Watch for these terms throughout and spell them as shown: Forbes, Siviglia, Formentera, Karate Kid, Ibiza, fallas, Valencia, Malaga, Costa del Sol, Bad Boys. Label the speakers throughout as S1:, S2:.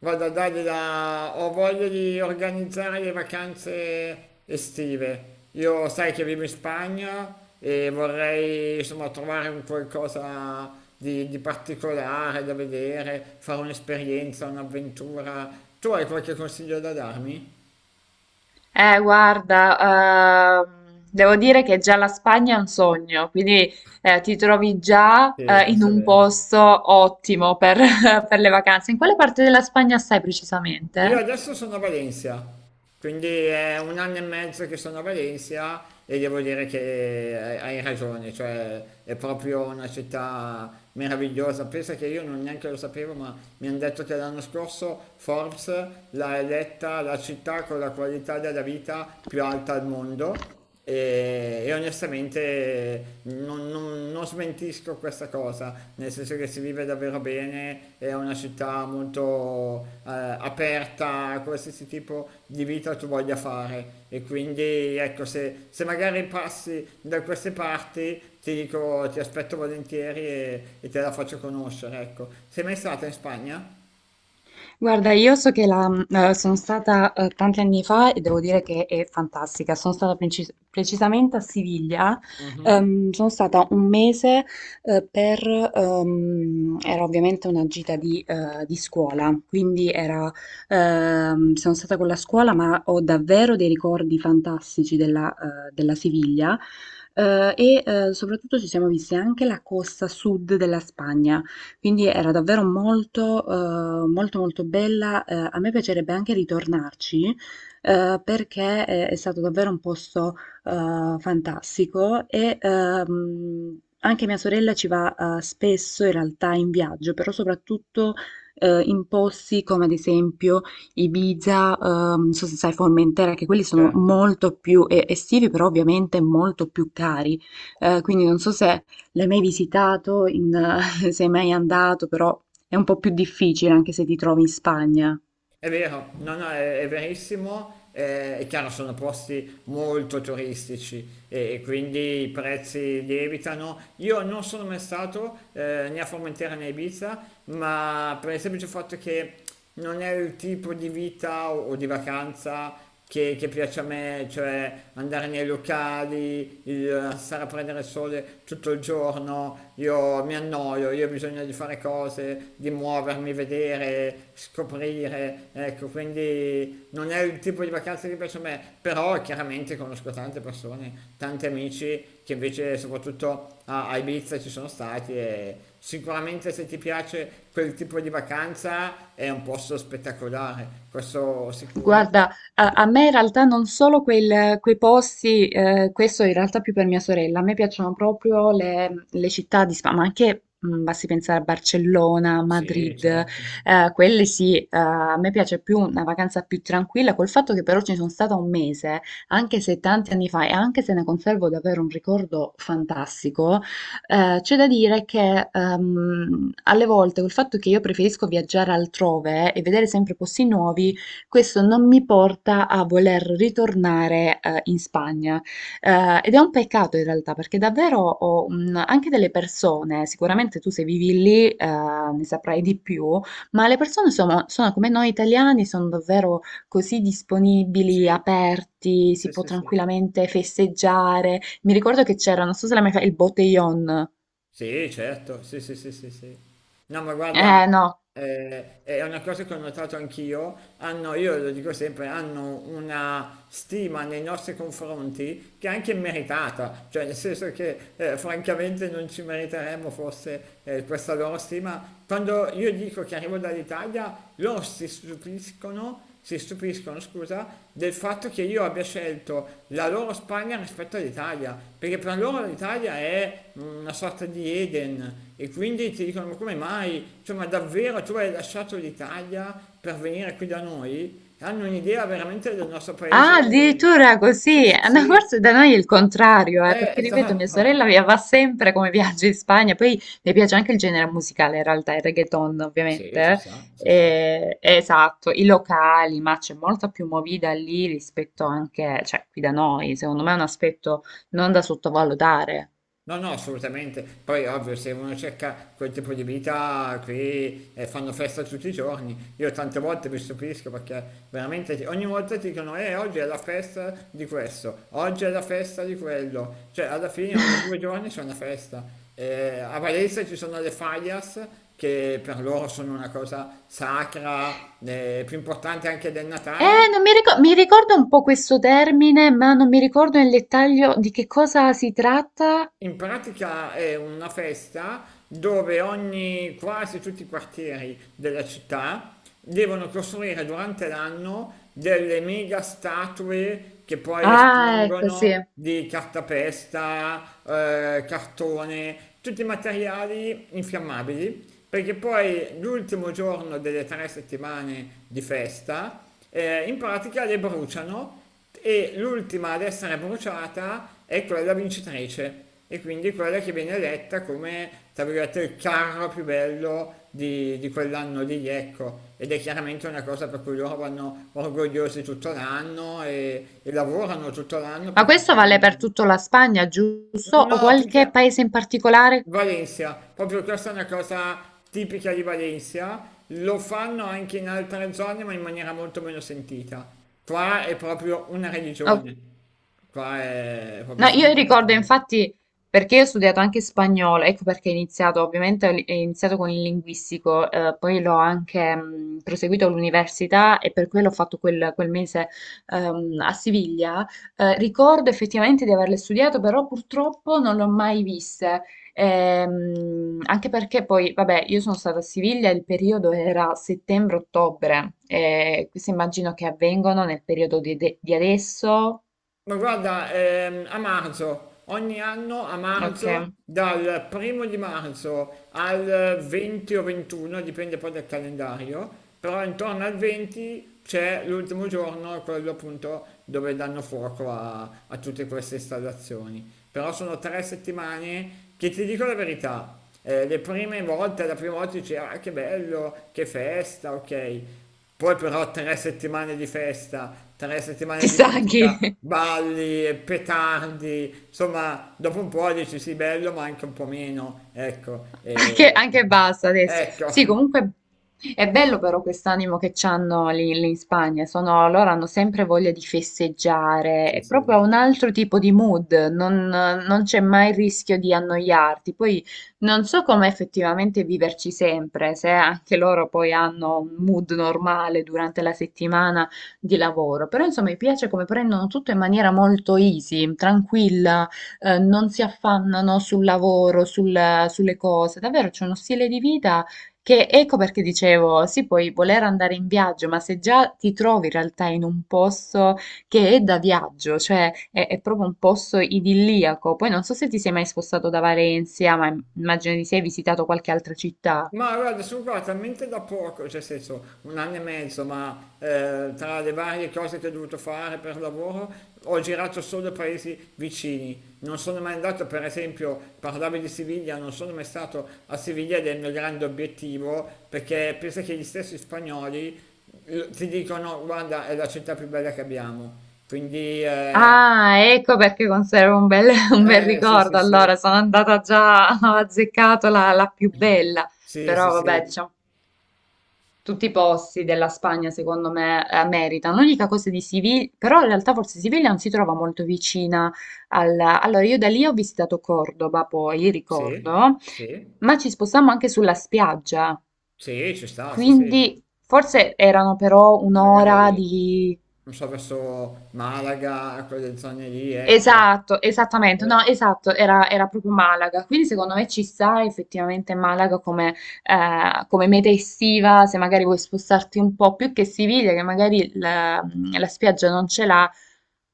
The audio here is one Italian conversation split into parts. S1: Vado a dargli la ho voglia di organizzare le vacanze estive. Io sai che vivo in Spagna e vorrei insomma trovare un qualcosa di particolare da vedere, fare un'esperienza, un'avventura. Tu hai qualche consiglio da darmi?
S2: Guarda, devo dire che già la Spagna è un sogno, quindi ti trovi già
S1: Sì,
S2: in
S1: forse è
S2: un
S1: vero.
S2: posto ottimo per, per le vacanze. In quale parte della Spagna stai
S1: Io
S2: precisamente?
S1: adesso sono a Valencia, quindi è un anno e mezzo che sono a Valencia e devo dire che hai ragione, cioè è proprio una città meravigliosa. Pensa che io non neanche lo sapevo, ma mi hanno detto che l'anno scorso Forbes l'ha eletta la città con la qualità della vita più alta al mondo e onestamente non smentisco questa cosa, nel senso che si vive davvero bene, è una città molto aperta a qualsiasi tipo di vita tu voglia fare. E quindi ecco, se magari passi da queste parti, ti dico, ti aspetto volentieri e te la faccio conoscere, ecco. Sei mai stata in Spagna?
S2: Guarda, io so che sono stata tanti anni fa e devo dire che è fantastica. Sono stata precisamente a Siviglia.
S1: Mhm.
S2: Sono stata un mese eh, per, era ovviamente una gita di scuola, quindi sono stata con la scuola, ma ho davvero dei ricordi fantastici della Siviglia. E soprattutto ci siamo visti anche la costa sud della Spagna. Quindi era davvero molto, molto bella. A me piacerebbe anche ritornarci, perché è stato davvero un posto, fantastico e anche mia sorella ci va, spesso in realtà in viaggio, però soprattutto, in posti come ad esempio Ibiza, non so se sai Formentera, che quelli sono
S1: Certo.
S2: molto più estivi, però ovviamente molto più cari. Quindi non so se l'hai mai visitato in, sei mai andato, però è un po' più difficile anche se ti trovi in Spagna.
S1: È vero, no, no, è verissimo. È chiaro, sono posti molto turistici e quindi i prezzi lievitano. Io non sono mai stato né a Formentera né a Ibiza, ma per il semplice fatto che non è il tipo di vita o di vacanza che piace a me, cioè andare nei locali, stare a prendere il sole tutto il giorno, io mi annoio, io ho bisogno di fare cose, di muovermi, vedere, scoprire, ecco, quindi non è il tipo di vacanza che piace a me, però chiaramente conosco tante persone, tanti amici che invece soprattutto a Ibiza ci sono stati e sicuramente se ti piace quel tipo di vacanza è un posto spettacolare, questo sicuro.
S2: Guarda, a me in realtà non solo quei posti, questo in realtà più per mia sorella, a me piacciono proprio le città di Spagna, ma anche basti pensare a Barcellona,
S1: Sì,
S2: Madrid,
S1: certo.
S2: quelle sì, a me piace più una vacanza più tranquilla, col fatto che però ci sono stata un mese, anche se tanti anni fa, e anche se ne conservo davvero un ricordo fantastico, c'è da dire che alle volte col fatto che io preferisco viaggiare altrove e vedere sempre posti nuovi, questo non mi porta a voler ritornare, in Spagna, ed è un peccato in realtà perché davvero ho, anche delle persone sicuramente tu se vivi lì, ne saprai di più, ma le persone sono come noi italiani, sono davvero così disponibili,
S1: Sì,
S2: aperti,
S1: sì,
S2: si può
S1: sì, sì.
S2: tranquillamente festeggiare. Mi ricordo che c'era, non so se l'hai mai fa il Botellón.
S1: Sì, certo, sì, sì, sì, sì, sì. No, ma guarda,
S2: No.
S1: è una cosa che ho notato anch'io, hanno, io lo dico sempre, hanno una stima nei nostri confronti che è anche meritata, cioè nel senso che francamente non ci meriteremmo forse questa loro stima. Quando io dico che arrivo dall'Italia, loro si stupiscono, scusa, del fatto che io abbia scelto la loro Spagna rispetto all'Italia, perché per loro l'Italia è una sorta di Eden e quindi ti dicono: "Ma come mai? Cioè, ma davvero tu hai lasciato l'Italia per venire qui da noi?" Hanno un'idea veramente del nostro
S2: Ah,
S1: paese?
S2: addirittura
S1: Sì,
S2: così.
S1: sì,
S2: Ah,
S1: sì,
S2: no, forse da noi è il contrario, perché ripeto, mia
S1: esatto.
S2: sorella va sempre come viaggio in Spagna, poi le piace anche il genere musicale, in realtà, il reggaeton,
S1: Sì,
S2: ovviamente.
S1: ci
S2: eh.
S1: sta, ci sta.
S2: Esatto, i locali, ma c'è molta più movida lì rispetto anche, cioè, qui da noi, secondo me è un aspetto non da sottovalutare.
S1: No, no, assolutamente. Poi, ovvio, se uno cerca quel tipo di vita, qui fanno festa tutti i giorni. Io tante volte mi stupisco perché veramente ogni volta ti dicono, oggi è la festa di questo, oggi è la festa di quello. Cioè, alla fine ogni due giorni c'è una festa. A Valencia ci sono le fallas che per loro sono una cosa sacra, più importante anche del
S2: Eh,
S1: Natale.
S2: non mi ricor- mi ricordo un po' questo termine, ma non mi ricordo nel dettaglio di che cosa si tratta.
S1: In pratica è una festa dove ogni, quasi tutti i quartieri della città devono costruire durante l'anno delle mega statue che poi
S2: Ah, ecco, sì.
S1: espongono di cartapesta, cartone, tutti i materiali infiammabili, perché poi l'ultimo giorno delle tre settimane di festa, in pratica le bruciano e l'ultima ad essere bruciata è quella vincitrice e quindi quella che viene eletta come, tra virgolette, il carro più bello di quell'anno lì, ecco. Ed è chiaramente una cosa per cui loro vanno orgogliosi tutto l'anno e lavorano tutto l'anno
S2: Ma
S1: per
S2: questo vale
S1: costruire-
S2: per tutto la Spagna, giusto, o
S1: No, più
S2: qualche
S1: che
S2: paese in particolare?
S1: Valencia, proprio questa è una cosa tipica di Valencia, lo fanno anche in altre zone ma in maniera molto meno sentita. Qua è proprio una
S2: Ok.
S1: religione. Qua è
S2: No,
S1: proprio
S2: io ricordo
S1: fondamentale.
S2: infatti perché io ho studiato anche spagnolo, ecco perché ho iniziato, ovviamente ho iniziato con il linguistico, poi l'ho anche proseguito all'università e per quello ho fatto quel mese a Siviglia. Ricordo effettivamente di averle studiato, però purtroppo non le ho mai viste. Anche perché poi, vabbè, io sono stata a Siviglia, il periodo era settembre-ottobre, e questo immagino che avvengono nel periodo di adesso.
S1: Ma guarda, a marzo, ogni anno a
S2: Ok.
S1: marzo, dal primo di marzo al 20 o 21, dipende poi dal calendario, però intorno al 20 c'è l'ultimo giorno, quello appunto dove danno fuoco a tutte queste installazioni. Però sono tre settimane che ti dico la verità, le prime volte, la prima volta dicevo, ah, che bello, che festa, ok. Poi però tre settimane di festa, tre settimane di
S2: Chissà chi,
S1: musica, balli, petardi, insomma, dopo un po' dici sì, bello, ma anche un po' meno, ecco.
S2: anche,
S1: e-
S2: anche basta adesso.
S1: Ecco,
S2: Sì, comunque è bello però quest'animo che c'hanno lì in Spagna, loro hanno sempre voglia di festeggiare,
S1: sì,
S2: è
S1: sì.
S2: proprio un altro tipo di mood, non c'è mai il rischio di annoiarti. Poi non so come effettivamente viverci sempre, se anche loro poi hanno un mood normale durante la settimana di lavoro, però insomma mi piace come prendono tutto in maniera molto easy, tranquilla. Non si affannano sul lavoro, sulle cose. Davvero c'è uno stile di vita che, ecco perché dicevo, sì, puoi voler andare in viaggio, ma se già ti trovi in realtà in un posto che è da viaggio, cioè è proprio un posto idilliaco. Poi non so se ti sei mai spostato da Valencia, ma immagino di sì, hai visitato qualche altra città.
S1: Ma guarda, sono qua talmente da poco, cioè nel senso un anno e mezzo, ma tra le varie cose che ho dovuto fare per lavoro ho girato solo paesi vicini. Non sono mai andato, per esempio, parlavi di Siviglia, non sono mai stato a Siviglia ed è il mio grande obiettivo, perché pensa che gli stessi spagnoli ti dicono, guarda, è la città più bella che abbiamo. Quindi,
S2: Ah, ecco perché conservo un bel, un bel
S1: sì, sì,
S2: ricordo.
S1: sì.
S2: Allora, sono andata già, ho azzeccato la più bella,
S1: Sì, sì,
S2: però vabbè,
S1: sì,
S2: diciamo tutti i posti della Spagna, secondo me, meritano. L'unica cosa di Siviglia, però in realtà forse Siviglia non si trova molto vicina. Allora, io da lì ho visitato Cordoba, poi,
S1: sì,
S2: ricordo,
S1: sì,
S2: ma ci spostammo anche sulla spiaggia,
S1: sì, ci sta, sì, sì.
S2: quindi forse erano però un'ora
S1: Magari,
S2: di
S1: non so, verso Malaga, quelle zone lì, ecco.
S2: Esatto, esattamente, no,
S1: Eh,
S2: esatto, era proprio Malaga, quindi secondo me ci sta effettivamente Malaga come meta estiva, se magari vuoi spostarti un po' più che Siviglia, che magari la spiaggia non ce l'ha,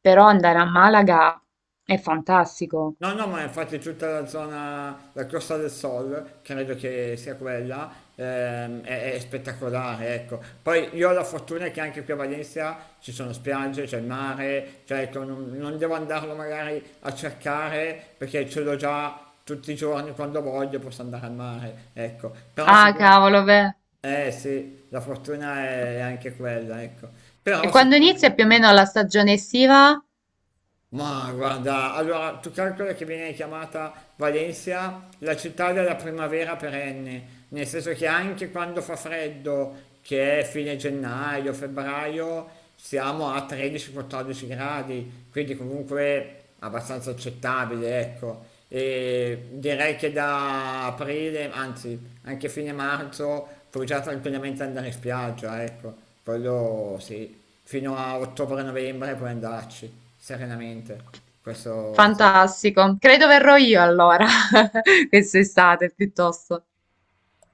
S2: però andare a Malaga è fantastico.
S1: no, no, ma infatti tutta la zona, la Costa del Sol, credo che sia quella, è spettacolare, ecco. Poi io ho la fortuna che anche qui a Valencia ci sono spiagge, c'è il mare, cioè ecco, non, non devo andarlo magari a cercare perché ce l'ho già tutti i giorni quando voglio posso andare al mare, ecco. Però
S2: Ah,
S1: sicuramente...
S2: cavolo, beh.
S1: Eh sì, la fortuna è anche quella, ecco. Però
S2: E quando inizia
S1: sicuramente.
S2: più o meno la stagione estiva?
S1: Ma guarda, allora tu calcola che viene chiamata Valencia la città della primavera perenne, nel senso che anche quando fa freddo, che è fine gennaio, febbraio, siamo a 13-14 gradi, quindi comunque abbastanza accettabile, ecco. E direi che da aprile, anzi anche fine marzo, puoi già tranquillamente andare in spiaggia, ecco. Quello sì, fino a ottobre-novembre puoi andarci serenamente. Questo sì.
S2: Fantastico, credo verrò io allora, quest'estate piuttosto.